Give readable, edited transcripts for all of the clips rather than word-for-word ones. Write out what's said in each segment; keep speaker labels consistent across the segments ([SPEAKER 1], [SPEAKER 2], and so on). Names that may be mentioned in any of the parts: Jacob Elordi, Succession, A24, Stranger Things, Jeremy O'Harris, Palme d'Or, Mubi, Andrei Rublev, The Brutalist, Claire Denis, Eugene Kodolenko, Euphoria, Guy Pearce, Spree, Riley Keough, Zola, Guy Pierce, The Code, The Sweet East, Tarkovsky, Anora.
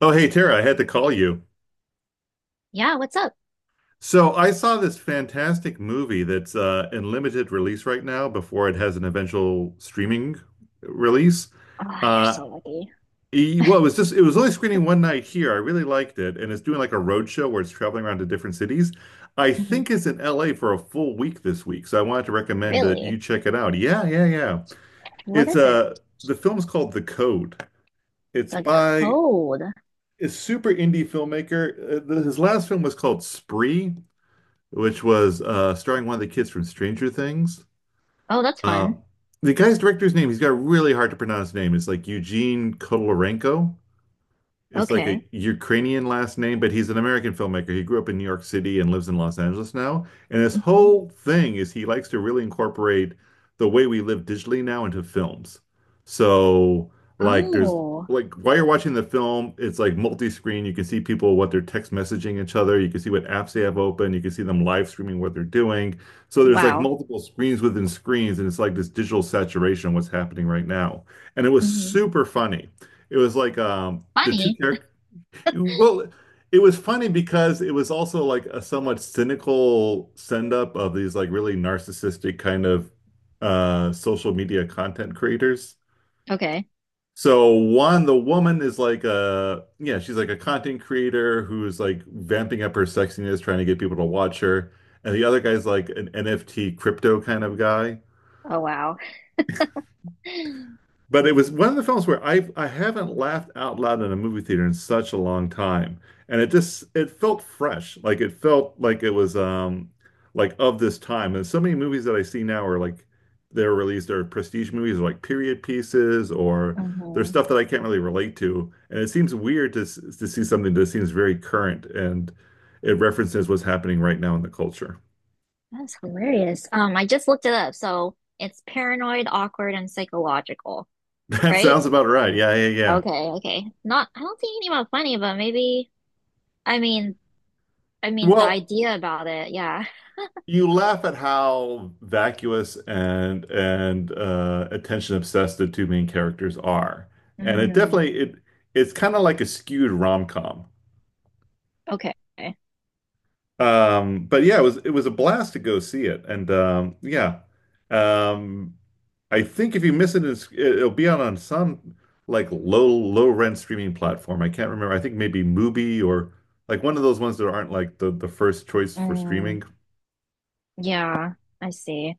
[SPEAKER 1] Oh, hey, Tara, I had to call you.
[SPEAKER 2] Yeah, what's up?
[SPEAKER 1] So I saw this fantastic movie that's in limited release right now before it has an eventual streaming release.
[SPEAKER 2] Oh, you're
[SPEAKER 1] Uh,
[SPEAKER 2] so lucky.
[SPEAKER 1] well, it was only screening one night here. I really liked it. And it's doing like a road show where it's traveling around to different cities. I
[SPEAKER 2] Hmm.
[SPEAKER 1] think it's in LA for a full week this week. So I wanted to recommend that you
[SPEAKER 2] Really?
[SPEAKER 1] check it out. Yeah, yeah, yeah.
[SPEAKER 2] What
[SPEAKER 1] It's
[SPEAKER 2] is it?
[SPEAKER 1] the film's called The Code. It's
[SPEAKER 2] A
[SPEAKER 1] by
[SPEAKER 2] code.
[SPEAKER 1] a super indie filmmaker. His last film was called Spree, which was starring one of the kids from Stranger Things.
[SPEAKER 2] Oh, that's
[SPEAKER 1] Uh,
[SPEAKER 2] fun.
[SPEAKER 1] the guy's director's name, he's got a really hard to pronounce name. It's like Eugene Kodolenko. It's like
[SPEAKER 2] Okay.
[SPEAKER 1] a Ukrainian last name, but he's an American filmmaker. He grew up in New York City and lives in Los Angeles now. And this
[SPEAKER 2] Hmm.
[SPEAKER 1] whole thing is he likes to really incorporate the way we live digitally now into films. So, like, there's
[SPEAKER 2] Oh,
[SPEAKER 1] like while you're watching the film, it's like multi-screen. You can see people what they're text messaging each other. You can see what apps they have open. You can see them live streaming what they're doing. So there's like
[SPEAKER 2] wow.
[SPEAKER 1] multiple screens within screens, and it's like this digital saturation of what's happening right now. And it was
[SPEAKER 2] Hmm.
[SPEAKER 1] super funny. It was like the two
[SPEAKER 2] Funny.
[SPEAKER 1] characters. Well, it was funny because it was also like a somewhat cynical send up of these like really narcissistic kind of social media content creators.
[SPEAKER 2] Okay.
[SPEAKER 1] So one, the woman is like a yeah, she's like a content creator who's like vamping up her sexiness, trying to get people to watch her. And the other guy's like an NFT crypto kind of guy.
[SPEAKER 2] Oh, wow.
[SPEAKER 1] But it was one of the films where I haven't laughed out loud in a movie theater in such a long time, and it felt fresh, like it felt like it was like of this time. And so many movies that I see now are like they're released are prestige movies or like period pieces or there's
[SPEAKER 2] Hmm.
[SPEAKER 1] stuff that I can't really relate to, and it seems weird to to see something that seems very current and it references what's happening right now in the culture.
[SPEAKER 2] That's hilarious. I just looked it up. So it's paranoid, awkward, and psychological,
[SPEAKER 1] That
[SPEAKER 2] right?
[SPEAKER 1] sounds about right. Yeah, yeah, yeah.
[SPEAKER 2] Okay, okay. Not, I don't think anything about funny, but maybe, I mean, I mean the
[SPEAKER 1] Well,
[SPEAKER 2] idea about it, yeah.
[SPEAKER 1] you laugh at how vacuous and attention obsessed the two main characters are, and it
[SPEAKER 2] Mm,
[SPEAKER 1] definitely it it's kind of like a skewed rom-com.
[SPEAKER 2] okay.
[SPEAKER 1] But yeah, it was a blast to go see it, and um, I think if you miss it, it'll be out on some like low low rent streaming platform. I can't remember. I think maybe Mubi or like one of those ones that aren't like the first choice for
[SPEAKER 2] Mm.
[SPEAKER 1] streaming.
[SPEAKER 2] Yeah, I see.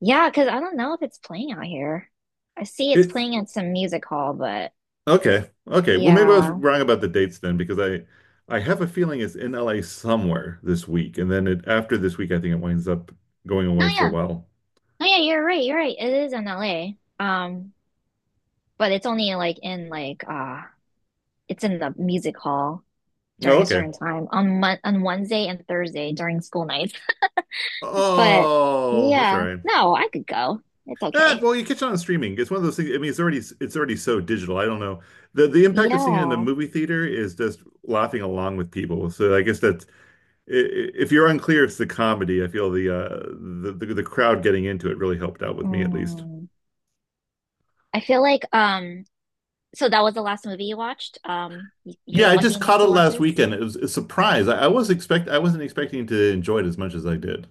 [SPEAKER 2] Yeah, because I don't know if it's playing out here. I see it's
[SPEAKER 1] It
[SPEAKER 2] playing at some music hall, but
[SPEAKER 1] Okay. Okay. Well, maybe I was
[SPEAKER 2] yeah.
[SPEAKER 1] wrong about the dates then because I have a feeling it's in LA somewhere this week. And then it after this week I think it winds up going
[SPEAKER 2] No,
[SPEAKER 1] away for a
[SPEAKER 2] yeah.
[SPEAKER 1] while.
[SPEAKER 2] No, yeah, you're right. You're right. It is in LA. Um, but it's only like in like it's in the music hall
[SPEAKER 1] Oh,
[SPEAKER 2] during a
[SPEAKER 1] okay.
[SPEAKER 2] certain time on Mon on Wednesday and Thursday during school nights. But
[SPEAKER 1] Oh, that's all
[SPEAKER 2] yeah,
[SPEAKER 1] right.
[SPEAKER 2] no, I could go. It's
[SPEAKER 1] Eh,
[SPEAKER 2] okay.
[SPEAKER 1] well, you catch it on streaming. It's one of those things. I mean, it's already so digital. I don't know. The impact of seeing it in a
[SPEAKER 2] Yeah.
[SPEAKER 1] movie theater is just laughing along with people. So I guess that's if you're unclear, it's the comedy. I feel the crowd getting into it really helped out with me at least.
[SPEAKER 2] Mm. I feel like so that was the last movie you watched. You
[SPEAKER 1] Yeah,
[SPEAKER 2] were
[SPEAKER 1] I
[SPEAKER 2] lucky
[SPEAKER 1] just
[SPEAKER 2] enough
[SPEAKER 1] caught it
[SPEAKER 2] to watch
[SPEAKER 1] last
[SPEAKER 2] this.
[SPEAKER 1] weekend. It was a surprise. I wasn't expecting to enjoy it as much as I did.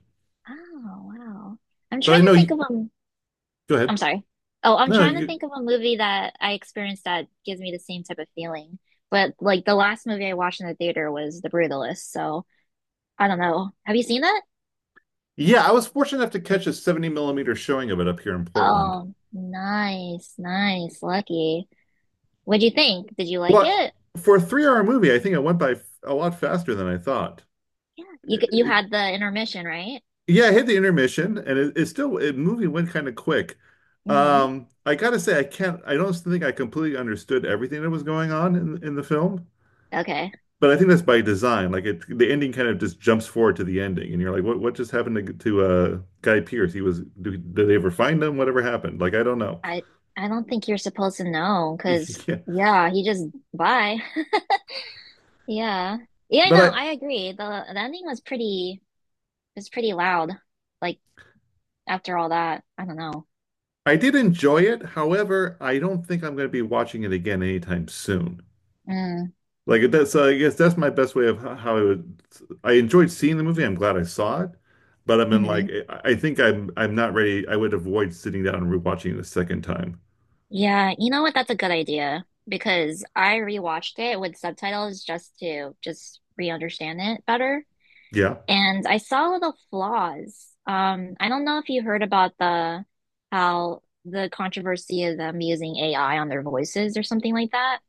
[SPEAKER 2] Oh, wow. I'm
[SPEAKER 1] But
[SPEAKER 2] trying
[SPEAKER 1] I
[SPEAKER 2] to
[SPEAKER 1] know
[SPEAKER 2] think
[SPEAKER 1] you
[SPEAKER 2] of a,
[SPEAKER 1] go ahead.
[SPEAKER 2] I'm sorry. Oh, I'm
[SPEAKER 1] No,
[SPEAKER 2] trying to
[SPEAKER 1] you
[SPEAKER 2] think of a movie that I experienced that gives me the same type of feeling. But like the last movie I watched in the theater was The Brutalist, so I don't know. Have you seen that?
[SPEAKER 1] yeah, I was fortunate enough to catch a 70 millimeter showing of it up here in Portland.
[SPEAKER 2] Oh, nice, nice, lucky. What'd you think? Did you like
[SPEAKER 1] Well,
[SPEAKER 2] it?
[SPEAKER 1] for a 3 hour movie, I think it went by a lot faster than I thought.
[SPEAKER 2] Yeah.
[SPEAKER 1] It,
[SPEAKER 2] You
[SPEAKER 1] it-
[SPEAKER 2] had the intermission, right?
[SPEAKER 1] yeah, I hit the intermission and it movie went kind of quick.
[SPEAKER 2] Mm-hmm.
[SPEAKER 1] I gotta say I don't think I completely understood everything that was going on in the film.
[SPEAKER 2] Okay.
[SPEAKER 1] But I think that's by design. Like it, the ending kind of just jumps forward to the ending, and you're like, "What? What just happened to Guy Pierce? He was. Did they ever find him? Whatever happened? Like I don't know."
[SPEAKER 2] I I don't think you're supposed to know because
[SPEAKER 1] Yeah,
[SPEAKER 2] yeah, he just bye. Yeah. Yeah, no, I
[SPEAKER 1] but
[SPEAKER 2] agree. The ending was pretty loud. Like after all that, I don't know.
[SPEAKER 1] I did enjoy it. However, I don't think I'm going to be watching it again anytime soon.
[SPEAKER 2] Mm.
[SPEAKER 1] Like that's I guess that's my best way of how I would. I enjoyed seeing the movie. I'm glad I saw it, but I'm in like
[SPEAKER 2] Hmm.
[SPEAKER 1] I I think I'm not ready. I would avoid sitting down and rewatching it a second time.
[SPEAKER 2] Yeah, you know what? That's a good idea because I rewatched it with subtitles just to just re-understand it better.
[SPEAKER 1] Yeah.
[SPEAKER 2] And I saw the flaws. I don't know if you heard about the controversy of them using AI on their voices or something like that.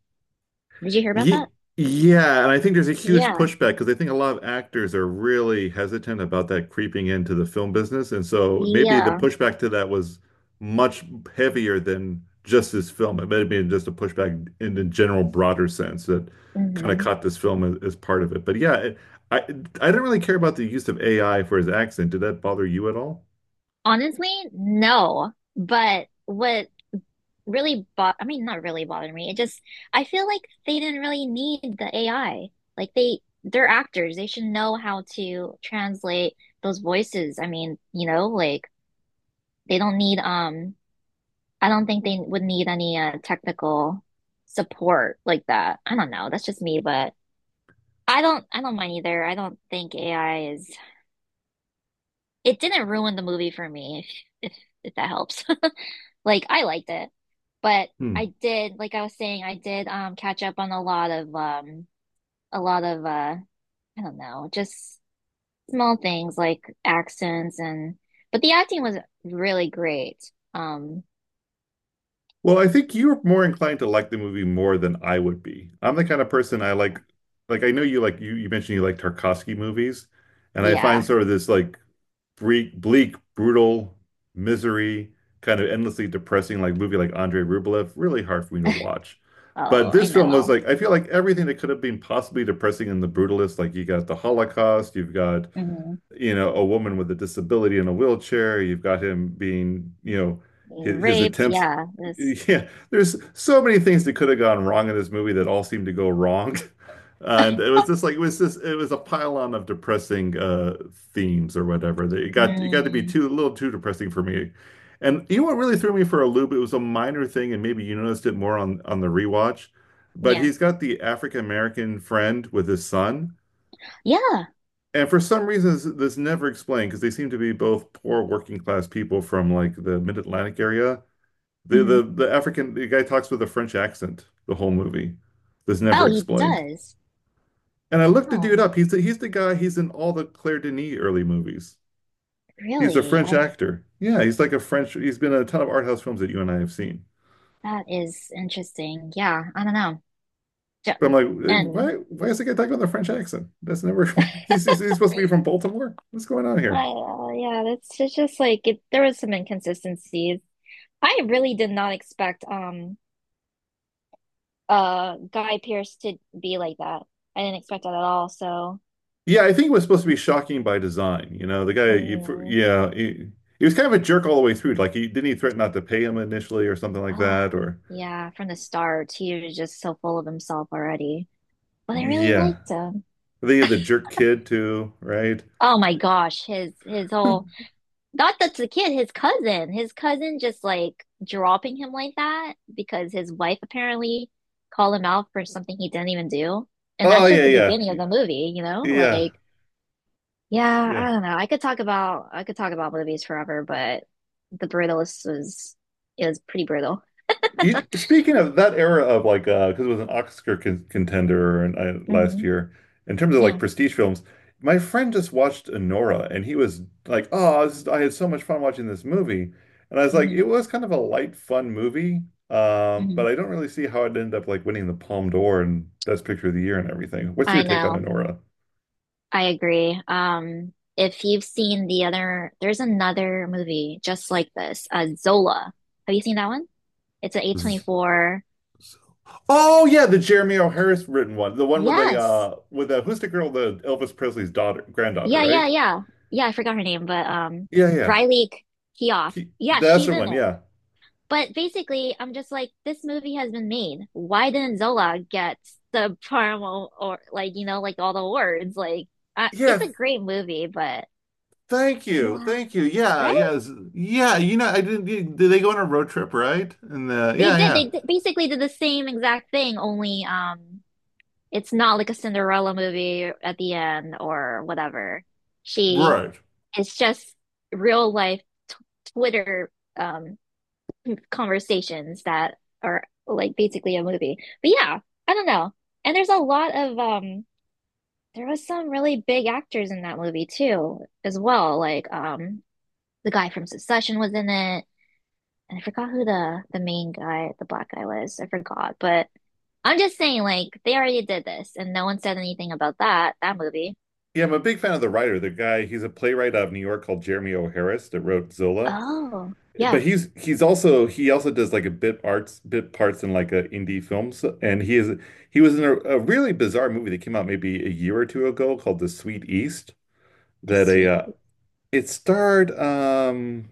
[SPEAKER 2] Did you hear about
[SPEAKER 1] Ye
[SPEAKER 2] that?
[SPEAKER 1] Yeah, and I think there's a huge
[SPEAKER 2] Yeah.
[SPEAKER 1] pushback because I think a lot of actors are really hesitant about that creeping into the film business. And so maybe the
[SPEAKER 2] Yeah.
[SPEAKER 1] pushback to that was much heavier than just this film. It may have been just a pushback in the general broader sense that kind of
[SPEAKER 2] Hmm.
[SPEAKER 1] caught this film as part of it. But yeah, I didn't really care about the use of AI for his accent. Did that bother you at all?
[SPEAKER 2] Honestly, no. But what really bought, I mean, not really bothered me. It just, I feel like they didn't really need the AI. They're actors. They should know how to translate those voices. I mean, you know, like they don't need, I don't think they would need any technical support like that. I don't know. That's just me, but I don't mind either. I don't think AI is, it didn't ruin the movie for me, if that helps. Like I liked it, but I did, like I was saying, I did catch up on a lot of a lot of uh I don't know, just small things like accents and but the acting was really great.
[SPEAKER 1] Well, I think you're more inclined to like the movie more than I would be. I'm the kind of person I like I know you like you mentioned you like Tarkovsky movies, and I find
[SPEAKER 2] Yeah.
[SPEAKER 1] sort of this like bleak, brutal misery, kind of endlessly depressing like movie like Andrei Rublev really hard for me to watch. But
[SPEAKER 2] Oh, I
[SPEAKER 1] this film was
[SPEAKER 2] know.
[SPEAKER 1] like I feel like everything that could have been possibly depressing in the brutalist, like you got the Holocaust, you've got
[SPEAKER 2] Hmm.
[SPEAKER 1] you know, a woman with a disability in a wheelchair. You've got him being, you know,
[SPEAKER 2] Being
[SPEAKER 1] his
[SPEAKER 2] raped,
[SPEAKER 1] attempts.
[SPEAKER 2] yeah. This
[SPEAKER 1] Yeah, there's so many things that could have gone wrong in this movie that all seemed to go wrong. And it was just like it was a pile on of depressing themes or whatever. That it got to be
[SPEAKER 2] mm,
[SPEAKER 1] too a little too depressing for me. And you know what really threw me for a loop? It was a minor thing, and maybe you noticed it more on the rewatch. But
[SPEAKER 2] yeah.
[SPEAKER 1] he's got the African American friend with his son,
[SPEAKER 2] Yeah.
[SPEAKER 1] and for some reasons, this never explained because they seem to be both poor working class people from like the mid-Atlantic area. The
[SPEAKER 2] Hmm.
[SPEAKER 1] the the African the guy talks with a French accent the whole movie. This
[SPEAKER 2] Oh,
[SPEAKER 1] never
[SPEAKER 2] he
[SPEAKER 1] explained.
[SPEAKER 2] does.
[SPEAKER 1] And I looked the dude
[SPEAKER 2] Oh,
[SPEAKER 1] up. He's the guy. He's in all the Claire Denis early movies. He's a
[SPEAKER 2] really?
[SPEAKER 1] French
[SPEAKER 2] I
[SPEAKER 1] actor. Yeah, he's like a French. He's been in a ton of art house films that you and I have seen.
[SPEAKER 2] that is interesting. Yeah, I don't know.
[SPEAKER 1] But I'm
[SPEAKER 2] Ju-
[SPEAKER 1] like, "Hey,
[SPEAKER 2] And
[SPEAKER 1] why is the guy talking with a French accent? That's never." He's supposed to be from Baltimore. What's going on
[SPEAKER 2] I,
[SPEAKER 1] here?
[SPEAKER 2] yeah, that's it's just like it, there was some inconsistencies. I really did not expect Guy Pearce to be like that. I didn't expect that at all. So,
[SPEAKER 1] Yeah, I think it was supposed to be shocking by design. You know,
[SPEAKER 2] mm,
[SPEAKER 1] yeah, he was kind of a jerk all the way through. Like, he threaten not to pay him initially or something like
[SPEAKER 2] ah,
[SPEAKER 1] that? Or,
[SPEAKER 2] yeah, from the start, he was just so full of himself already. But I really
[SPEAKER 1] yeah.
[SPEAKER 2] liked him.
[SPEAKER 1] They had the jerk kid too, right?
[SPEAKER 2] Oh my gosh, his whole Not that's the kid, his cousin. His cousin just like dropping him like that because his wife apparently called him out for something he didn't even do. And
[SPEAKER 1] Oh,
[SPEAKER 2] that's just
[SPEAKER 1] yeah,
[SPEAKER 2] the beginning of
[SPEAKER 1] yeah,
[SPEAKER 2] the movie, you know?
[SPEAKER 1] yeah,
[SPEAKER 2] Like, yeah,
[SPEAKER 1] yeah.
[SPEAKER 2] I don't know. I could talk about movies forever, but the brutalist was is pretty brutal.
[SPEAKER 1] You, speaking of that era of like, because it was an Oscar con contender and I, last
[SPEAKER 2] Hmm.
[SPEAKER 1] year, in terms of like
[SPEAKER 2] Yeah.
[SPEAKER 1] prestige films, my friend just watched Anora and he was like, "Oh, this is- I had so much fun watching this movie," and I was like, "It
[SPEAKER 2] Hmm.
[SPEAKER 1] was kind of a light, fun movie,
[SPEAKER 2] Hmm.
[SPEAKER 1] but I don't really see how it ended up like winning the Palme d'Or and Best Picture of the Year and everything." What's your
[SPEAKER 2] I
[SPEAKER 1] take on
[SPEAKER 2] know.
[SPEAKER 1] Anora?
[SPEAKER 2] I agree. If you've seen the other, there's another movie just like this, Zola. Have you seen that one? It's an
[SPEAKER 1] Z-
[SPEAKER 2] A24.
[SPEAKER 1] z- Oh yeah, the Jeremy O'Harris written one, the one
[SPEAKER 2] Yes.
[SPEAKER 1] with the who's the girl, the Elvis Presley's daughter, granddaughter,
[SPEAKER 2] Yeah, yeah,
[SPEAKER 1] right?
[SPEAKER 2] yeah. Yeah, I forgot her name, but
[SPEAKER 1] Yeah, yeah.
[SPEAKER 2] Riley K- Keough. Yeah,
[SPEAKER 1] That's
[SPEAKER 2] she's
[SPEAKER 1] the
[SPEAKER 2] in
[SPEAKER 1] one.
[SPEAKER 2] it.
[SPEAKER 1] Yeah.
[SPEAKER 2] But basically, I'm just like, this movie has been made. Why didn't Zola get the promo or like, you know, like all the awards? Like, it's a
[SPEAKER 1] Yeah.
[SPEAKER 2] great movie, but
[SPEAKER 1] Thank you.
[SPEAKER 2] yeah,
[SPEAKER 1] Thank you. Yeah. Yeah.
[SPEAKER 2] right?
[SPEAKER 1] Yeah. You know, I didn't. Did they go on a road trip, right? And
[SPEAKER 2] They
[SPEAKER 1] yeah,
[SPEAKER 2] did.
[SPEAKER 1] yeah.
[SPEAKER 2] They did, basically did the same exact thing, only it's not like a Cinderella movie at the end or whatever. She
[SPEAKER 1] Right.
[SPEAKER 2] It's just real life t- Twitter um conversations that are like basically a movie. But yeah, I don't know. And there's a lot of there was some really big actors in that movie too, as well. Like the guy from Succession was in it. And I forgot who the main guy, the black guy was. I forgot. But I'm just saying, like, they already did this and no one said anything about that, that movie.
[SPEAKER 1] Yeah. I'm a big fan of the writer. The guy, he's a playwright out of New York called Jeremy O'Harris that wrote Zola.
[SPEAKER 2] Oh,
[SPEAKER 1] But
[SPEAKER 2] yeah,
[SPEAKER 1] he also does like a bit arts bit parts in like a indie films and he was in a really bizarre movie that came out maybe a year or two ago called The Sweet East
[SPEAKER 2] this
[SPEAKER 1] that a
[SPEAKER 2] week.
[SPEAKER 1] it starred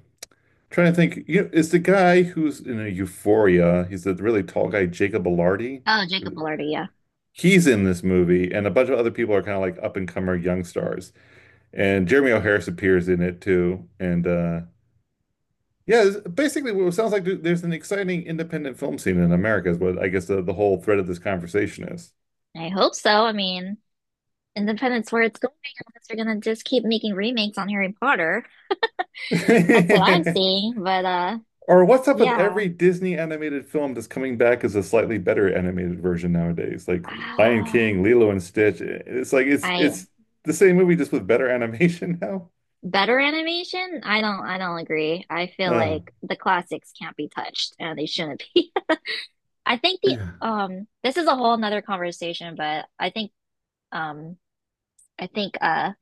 [SPEAKER 1] trying to think, you know, is the guy who's in a Euphoria, he's the really tall guy, Jacob Elordi.
[SPEAKER 2] Oh, Jacob Elordi, yeah.
[SPEAKER 1] He's in this movie, and a bunch of other people are kind of like up and comer young stars. And Jeremy O'Harris appears in it too. And yeah, it's basically what it sounds like there's an exciting independent film scene in America is what I guess the whole thread of this conversation is.
[SPEAKER 2] I hope so. I mean, Independence where it's going unless they're gonna just keep making remakes on Harry Potter. That's what I'm seeing. But
[SPEAKER 1] Or what's up with
[SPEAKER 2] yeah.
[SPEAKER 1] every Disney animated film that's coming back as a slightly better animated version nowadays? Like Lion
[SPEAKER 2] Ah,
[SPEAKER 1] King, Lilo and Stitch. It's like
[SPEAKER 2] I
[SPEAKER 1] it's the same movie just with better animation now.
[SPEAKER 2] better animation? I don't agree. I feel
[SPEAKER 1] Uh,
[SPEAKER 2] like the classics can't be touched and they shouldn't be. I think the
[SPEAKER 1] yeah.
[SPEAKER 2] this is a whole nother conversation, but I think um I think uh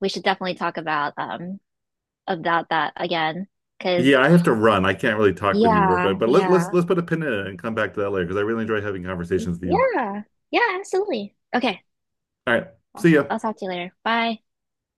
[SPEAKER 2] we should definitely talk about that again. Cause
[SPEAKER 1] Yeah, I have to run. I can't really talk with you,
[SPEAKER 2] yeah,
[SPEAKER 1] but but let's let's
[SPEAKER 2] yeah.
[SPEAKER 1] let's put a pin in it and come back to that later because I really enjoy having conversations with you.
[SPEAKER 2] Yeah. Yeah, absolutely. Okay.
[SPEAKER 1] All right. See ya.
[SPEAKER 2] I'll talk to you later. Bye.